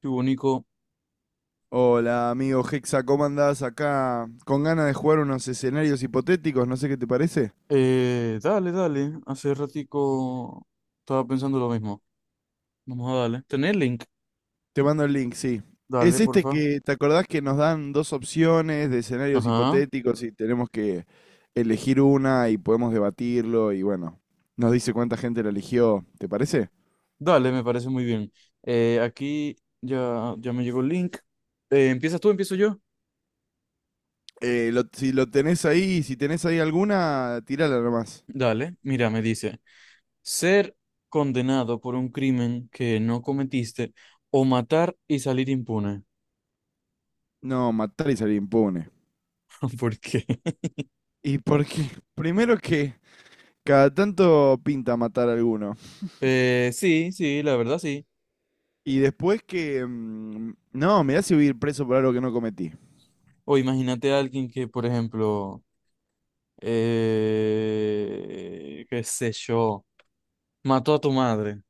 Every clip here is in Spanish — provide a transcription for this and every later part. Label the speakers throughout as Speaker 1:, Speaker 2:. Speaker 1: Qué bonito.
Speaker 2: Hola, amigo Hexa, ¿cómo andás acá? Con ganas de jugar unos escenarios hipotéticos, no sé qué te parece.
Speaker 1: Dale. Hace ratico estaba pensando lo mismo. Vamos a darle. ¿Tenés link?
Speaker 2: Te mando el link, sí.
Speaker 1: Dale,
Speaker 2: Es este
Speaker 1: porfa.
Speaker 2: que, ¿te acordás que nos dan dos opciones de escenarios
Speaker 1: Ajá.
Speaker 2: hipotéticos y tenemos que elegir una y podemos debatirlo y bueno, nos dice cuánta gente la eligió, ¿te parece?
Speaker 1: Dale, me parece muy bien. Aquí ya me llegó el link. ¿Empiezas tú? ¿Empiezo yo?
Speaker 2: Si lo tenés ahí, si tenés ahí alguna, tirala nomás.
Speaker 1: Dale. Mira, me dice. Ser condenado por un crimen que no cometiste o matar y salir impune.
Speaker 2: No, matar y salir impune.
Speaker 1: ¿Por qué?
Speaker 2: Y porque, primero que cada tanto pinta matar a alguno.
Speaker 1: Sí, sí, la verdad sí.
Speaker 2: Y después que... no, me hace ir preso por algo que no cometí.
Speaker 1: O imagínate a alguien que, por ejemplo, qué sé yo. Mató a tu madre.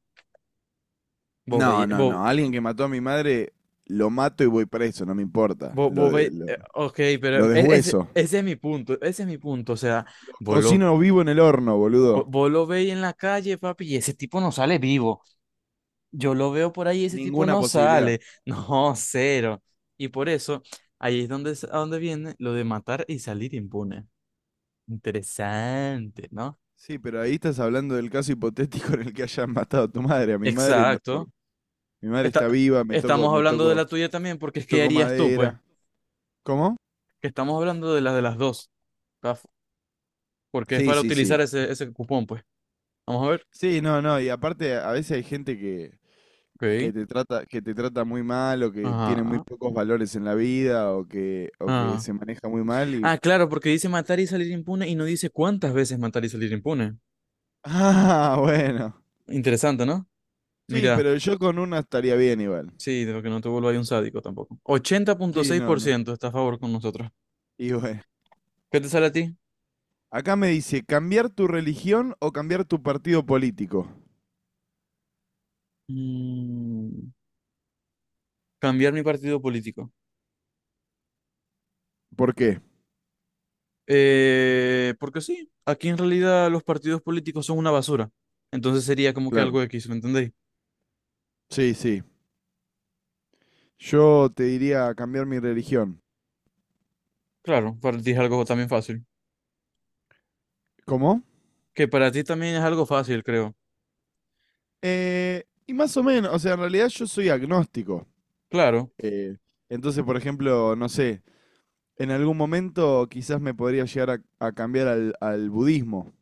Speaker 1: Vos veis,
Speaker 2: No, no,
Speaker 1: vos,
Speaker 2: no. Alguien que mató a mi madre, lo mato y voy preso, no me importa.
Speaker 1: vos, vos veí- ok, pero
Speaker 2: Lo
Speaker 1: ese,
Speaker 2: deshueso.
Speaker 1: ese es mi punto, ese es mi punto. O sea, vos lo,
Speaker 2: Cocino vivo en el horno, boludo.
Speaker 1: vos lo veis en la calle, papi, y ese tipo no sale vivo. Yo lo veo por ahí y ese tipo
Speaker 2: Ninguna
Speaker 1: no
Speaker 2: posibilidad.
Speaker 1: sale. No, cero. Y por eso, ahí es a donde viene lo de matar y salir impune. Interesante, ¿no?
Speaker 2: Sí, pero ahí estás hablando del caso hipotético en el que hayan matado a tu madre. A mi madre,
Speaker 1: Exacto.
Speaker 2: mi madre
Speaker 1: Está,
Speaker 2: está viva,
Speaker 1: estamos
Speaker 2: me
Speaker 1: hablando de
Speaker 2: toco,
Speaker 1: la tuya también, porque es que
Speaker 2: toco
Speaker 1: harías tú, pues.
Speaker 2: madera. ¿Cómo?
Speaker 1: Que estamos hablando de las dos, ¿tá? Porque es
Speaker 2: Sí,
Speaker 1: para
Speaker 2: sí,
Speaker 1: utilizar
Speaker 2: sí.
Speaker 1: ese cupón, pues. Vamos a ver.
Speaker 2: Sí, no, no, y aparte a veces hay gente
Speaker 1: Ok.
Speaker 2: que te trata muy mal o que tiene muy
Speaker 1: Ajá.
Speaker 2: pocos valores en la vida o que
Speaker 1: Ah.
Speaker 2: se maneja muy mal y...
Speaker 1: Ah, claro, porque dice matar y salir impune y no dice cuántas veces matar y salir impune.
Speaker 2: Ah, bueno.
Speaker 1: Interesante, ¿no?
Speaker 2: Sí,
Speaker 1: Mira,
Speaker 2: pero yo con una estaría bien igual.
Speaker 1: sí, de lo que no te vuelva ahí un sádico tampoco. ochenta punto
Speaker 2: Sí,
Speaker 1: seis
Speaker 2: no,
Speaker 1: por
Speaker 2: no.
Speaker 1: ciento está a favor con nosotros.
Speaker 2: Y bueno.
Speaker 1: ¿Qué te sale a ti?
Speaker 2: Acá me dice, ¿cambiar tu religión o cambiar tu partido político?
Speaker 1: Mm, cambiar mi partido político.
Speaker 2: ¿Por qué?
Speaker 1: Porque sí, aquí en realidad los partidos políticos son una basura. Entonces sería como que
Speaker 2: Claro.
Speaker 1: algo X, ¿me entendéis?
Speaker 2: Sí, sí. Yo te diría cambiar mi religión.
Speaker 1: Claro, para ti es algo también fácil.
Speaker 2: ¿Cómo?
Speaker 1: Que para ti también es algo fácil, creo.
Speaker 2: Y más o menos, o sea, en realidad yo soy agnóstico.
Speaker 1: Claro,
Speaker 2: Eh, entonces, por ejemplo, no sé, en algún momento quizás me podría llegar a cambiar al budismo,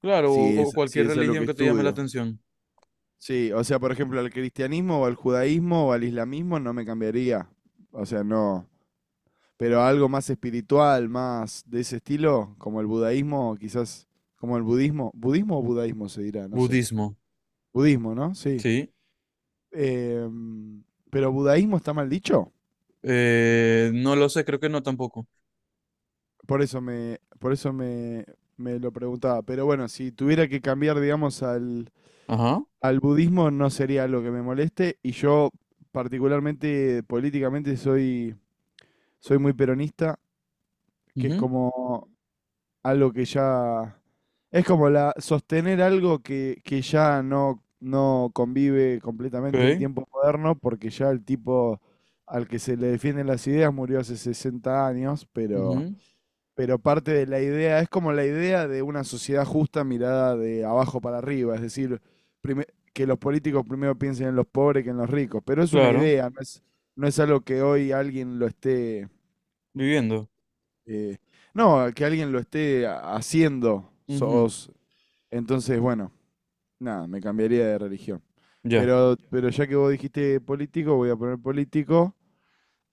Speaker 1: claro, o
Speaker 2: si
Speaker 1: cualquier
Speaker 2: es lo
Speaker 1: religión
Speaker 2: que
Speaker 1: que te llame la
Speaker 2: estudio.
Speaker 1: atención.
Speaker 2: Sí, o sea, por ejemplo, al cristianismo o al judaísmo o al islamismo no me cambiaría. O sea, no. Pero algo más espiritual, más de ese estilo, como el budaísmo, quizás, como el budismo. ¿Budismo o budaísmo se dirá? No sé.
Speaker 1: Budismo,
Speaker 2: Budismo, ¿no? Sí.
Speaker 1: sí.
Speaker 2: Em, pero budaísmo está mal dicho.
Speaker 1: No lo sé, creo que no tampoco.
Speaker 2: Por eso me, por eso me, me lo preguntaba. Pero bueno, si tuviera que cambiar, digamos,
Speaker 1: Ajá.
Speaker 2: al budismo no sería algo que me moleste y yo particularmente políticamente soy muy peronista, que es
Speaker 1: Ujú.
Speaker 2: como algo que ya... Es como sostener algo que ya no convive completamente en
Speaker 1: Ok.
Speaker 2: tiempo moderno porque ya el tipo al que se le defienden las ideas murió hace 60 años,
Speaker 1: Ujú.
Speaker 2: pero parte de la idea, es como la idea de una sociedad justa mirada de abajo para arriba, es decir, prime- que los políticos primero piensen en los pobres que en los ricos, pero es una
Speaker 1: Claro,
Speaker 2: idea, no es algo que hoy alguien lo esté,
Speaker 1: viviendo.
Speaker 2: eh, no, que alguien lo esté haciendo.
Speaker 1: Ujú.
Speaker 2: Sos, entonces, bueno, nada, me cambiaría de religión.
Speaker 1: Ya.
Speaker 2: Pero ya que vos dijiste político, voy a poner político.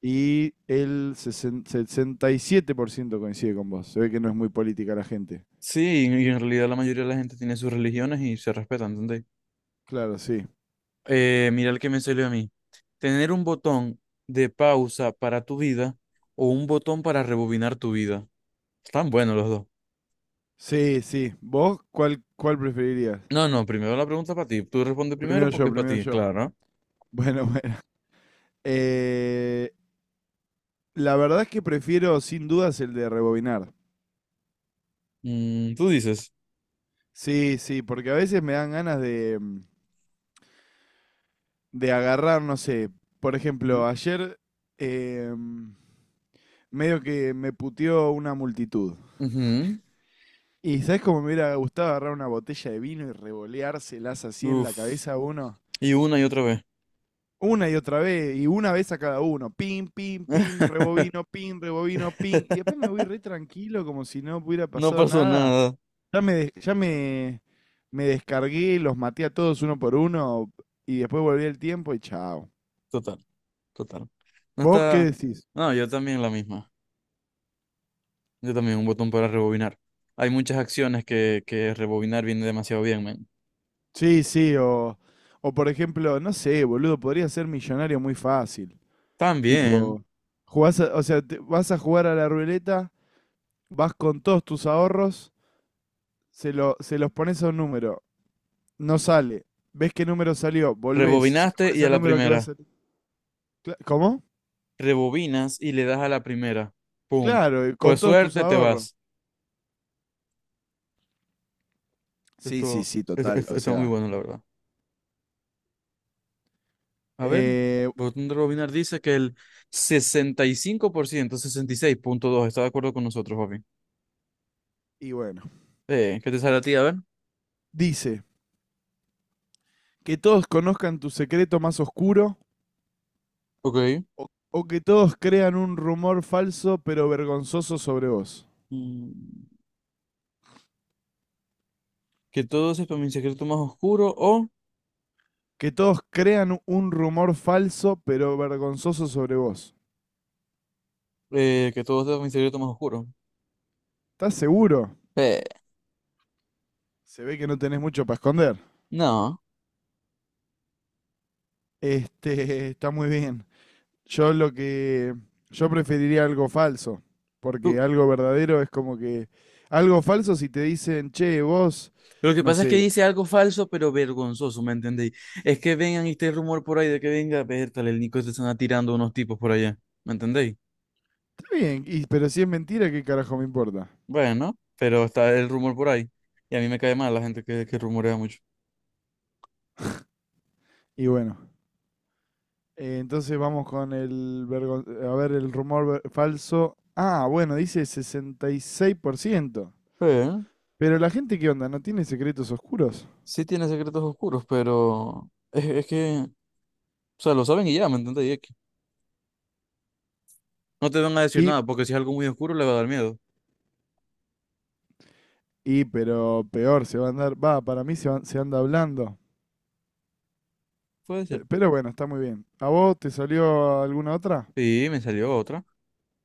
Speaker 2: Y el 67% coincide con vos. Se ve que no es muy política la gente.
Speaker 1: Sí, y en realidad la mayoría de la gente tiene sus religiones y se respetan, ¿entendés?
Speaker 2: Claro, sí.
Speaker 1: Mira el que me salió a mí. Tener un botón de pausa para tu vida o un botón para rebobinar tu vida. Están buenos los dos.
Speaker 2: Sí, sí. ¿Vos cuál preferirías?
Speaker 1: No, no, primero la pregunta para ti. Tú respondes primero
Speaker 2: Primero
Speaker 1: porque
Speaker 2: yo,
Speaker 1: es para
Speaker 2: primero
Speaker 1: ti,
Speaker 2: yo.
Speaker 1: claro.
Speaker 2: Bueno, bueno. Eh, la verdad es que prefiero sin dudas el de rebobinar.
Speaker 1: Tú dices.
Speaker 2: Sí, sí, porque a veces me dan ganas de, de agarrar, no sé. Por
Speaker 1: Ujú.
Speaker 2: ejemplo, ayer eh, mm, medio que me puteó una multitud. Y ¿sabés cómo me hubiera gustado agarrar una botella de vino y revoleárselas así
Speaker 1: Ujú.
Speaker 2: en la
Speaker 1: Uf.
Speaker 2: cabeza a uno?
Speaker 1: Y una y otra vez.
Speaker 2: Una y otra vez, y una vez a cada uno. Pim, pim, pim, rebobino, pim, rebobino, pim. Y después me voy re tranquilo, como si no hubiera
Speaker 1: No
Speaker 2: pasado
Speaker 1: pasó
Speaker 2: nada.
Speaker 1: nada.
Speaker 2: Ya me, des- ya me, me descargué, los maté a todos uno por uno, y después volví el tiempo y chao.
Speaker 1: Total, total. No
Speaker 2: ¿Vos qué
Speaker 1: está.
Speaker 2: decís?
Speaker 1: No, yo también la misma. Yo también un botón para rebobinar. Hay muchas acciones que rebobinar viene demasiado bien, men.
Speaker 2: Sí, sí, o por ejemplo, no sé, boludo, podría ser millonario muy fácil.
Speaker 1: También.
Speaker 2: Tipo, o sea, vas a jugar a la ruleta, vas con todos tus ahorros, se los pones a un número. No sale. ¿Ves qué número salió? Volvés, se le
Speaker 1: Rebobinaste y
Speaker 2: parece
Speaker 1: a
Speaker 2: al
Speaker 1: la
Speaker 2: número que va a
Speaker 1: primera.
Speaker 2: salir. ¿Cómo?
Speaker 1: Rebobinas y le das a la primera. Pum.
Speaker 2: Claro, y con
Speaker 1: Pues
Speaker 2: todos tus
Speaker 1: suerte, te
Speaker 2: ahorros.
Speaker 1: vas.
Speaker 2: Sí, sí,
Speaker 1: Esto,
Speaker 2: sí, total. O
Speaker 1: está muy
Speaker 2: sea,
Speaker 1: bueno, la verdad. A ver,
Speaker 2: Eh,
Speaker 1: botón de Robinar dice que el sesenta sesenta y cinco por ciento, 66.2 está de acuerdo con nosotros, papi.
Speaker 2: y bueno,
Speaker 1: ¿Qué te sale a ti? A ver.
Speaker 2: dice, que todos conozcan tu secreto más oscuro
Speaker 1: Ok.
Speaker 2: o que todos crean un rumor falso pero vergonzoso sobre vos.
Speaker 1: Mm, que todo sepa mi secreto más oscuro o
Speaker 2: Que todos crean un rumor falso pero vergonzoso sobre vos.
Speaker 1: eh, que todo sepa mi secreto más oscuro.
Speaker 2: ¿Estás seguro?
Speaker 1: Eh,
Speaker 2: Se ve que no tenés mucho para esconder.
Speaker 1: no.
Speaker 2: Este, está muy bien. Yo lo que. Yo preferiría algo falso. Porque
Speaker 1: Tú-
Speaker 2: algo verdadero es como que. Algo falso si te dicen, che, vos.
Speaker 1: lo que
Speaker 2: No
Speaker 1: pasa es que
Speaker 2: sé.
Speaker 1: dice algo falso, pero vergonzoso, ¿me entendéis? Es que vengan y este rumor por ahí de que venga, tal el Nico se están atirando unos tipos por allá, ¿me entendéis?
Speaker 2: Está bien, y, pero si es mentira, ¿qué carajo me importa?
Speaker 1: Bueno, pero está el rumor por ahí. Y a mí me cae mal la gente que rumorea mucho.
Speaker 2: Y bueno. Entonces vamos con el. A ver, el rumor falso. Ah, bueno, dice 66%.
Speaker 1: Sí.
Speaker 2: Pero la gente, ¿qué onda? ¿No tiene secretos oscuros?
Speaker 1: Sí tiene secretos oscuros, pero es que, o sea, lo saben y ya, ¿me entendés? Y es que no te van a decir
Speaker 2: Y.
Speaker 1: nada, porque si es algo muy oscuro le va a dar miedo.
Speaker 2: Y, pero peor, se va a andar. Va, para mí se anda hablando.
Speaker 1: Puede ser.
Speaker 2: Pero bueno, está muy bien. ¿A vos te salió alguna otra?
Speaker 1: Sí, me salió otra.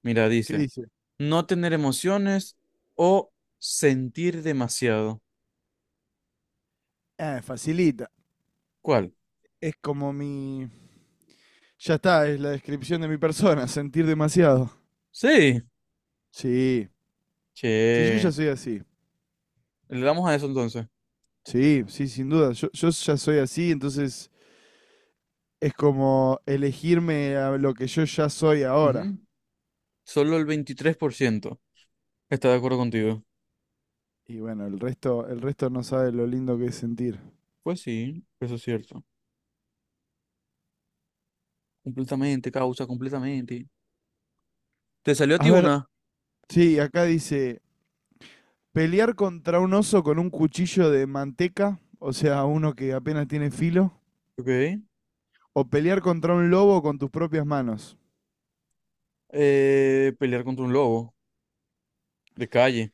Speaker 1: Mira,
Speaker 2: ¿Qué
Speaker 1: dice,
Speaker 2: dice?
Speaker 1: no tener emociones o sentir demasiado.
Speaker 2: Ah, facilita.
Speaker 1: ¿Cuál?
Speaker 2: Es como mi... Ya está, es la descripción de mi persona, sentir demasiado.
Speaker 1: Sí.
Speaker 2: Sí, sí, yo ya
Speaker 1: Che,
Speaker 2: soy así.
Speaker 1: le damos a eso entonces.
Speaker 2: Sí, sí, sin duda. Yo ya soy así, entonces es como elegirme a lo que yo ya soy ahora.
Speaker 1: Ujú. Solo el 23% está de acuerdo contigo.
Speaker 2: Y bueno, el resto no sabe lo lindo que es sentir.
Speaker 1: Pues sí, eso es cierto. Completamente, causa, completamente. ¿Te salió a
Speaker 2: A
Speaker 1: ti
Speaker 2: ver,
Speaker 1: una?
Speaker 2: sí, acá dice, pelear contra un oso con un cuchillo de manteca, o sea, uno que apenas tiene filo,
Speaker 1: Ok.
Speaker 2: o pelear contra un lobo con tus propias manos.
Speaker 1: Pelear contra un lobo. De calle.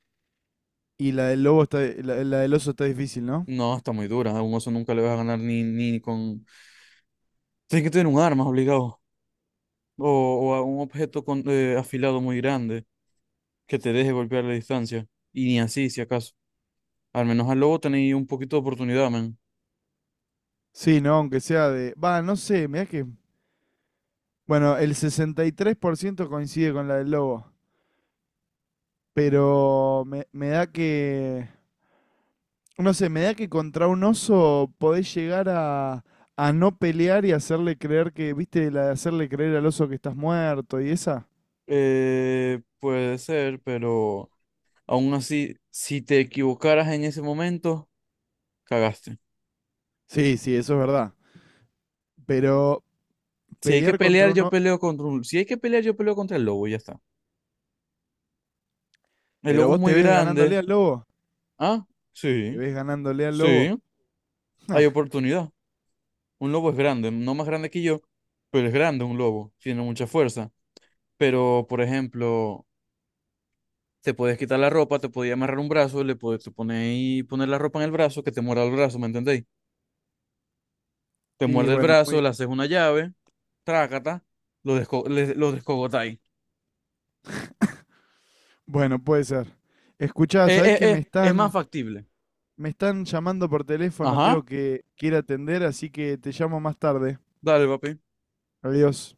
Speaker 2: Y la del lobo está, la del oso está difícil, ¿no?
Speaker 1: No, está muy dura. A un oso nunca le vas a ganar ni con... Tienes que tener un arma obligado. O, o a un objeto con, afilado muy grande que te deje golpear la distancia. Y ni así, si acaso. Al menos al lobo tenéis un poquito de oportunidad, man.
Speaker 2: Sí, ¿no? Aunque sea de... Va, no sé, mirá que... Bueno, el 63% coincide con la del lobo, pero me da que... No sé, me da que contra un oso podés llegar a no pelear y hacerle creer que, viste, la de hacerle creer al oso que estás muerto y esa.
Speaker 1: Puede ser, pero aún así, si te equivocaras en ese momento, cagaste.
Speaker 2: Sí, sí, eso es verdad. Pero
Speaker 1: Si hay que
Speaker 2: pelear contra
Speaker 1: pelear,
Speaker 2: un
Speaker 1: yo
Speaker 2: oso...
Speaker 1: peleo contra un... Si hay que pelear, yo peleo contra el lobo y ya está. El
Speaker 2: Pero
Speaker 1: lobo es
Speaker 2: vos te
Speaker 1: muy
Speaker 2: ves
Speaker 1: grande.
Speaker 2: ganándole al lobo.
Speaker 1: Ah,
Speaker 2: ¿Te
Speaker 1: sí,
Speaker 2: ves ganándole al
Speaker 1: sí,
Speaker 2: lobo?
Speaker 1: hay oportunidad. Un lobo es grande, no más grande que yo, pero es grande un lobo, tiene mucha fuerza. Pero, por ejemplo, te puedes quitar la ropa, te podía amarrar un brazo, le puedes te poner, y poner la ropa en el brazo, que te muerda el brazo, ¿me entendéis? Te
Speaker 2: Y
Speaker 1: muerde el
Speaker 2: bueno,
Speaker 1: brazo,
Speaker 2: muy,
Speaker 1: le haces una llave, trácata, lo descogotáis.
Speaker 2: bueno, puede ser. Escuchá, sabés que
Speaker 1: Es más factible.
Speaker 2: me están llamando por teléfono,
Speaker 1: Ajá,
Speaker 2: tengo que ir a atender, así que te llamo más tarde.
Speaker 1: dale, papi.
Speaker 2: Adiós.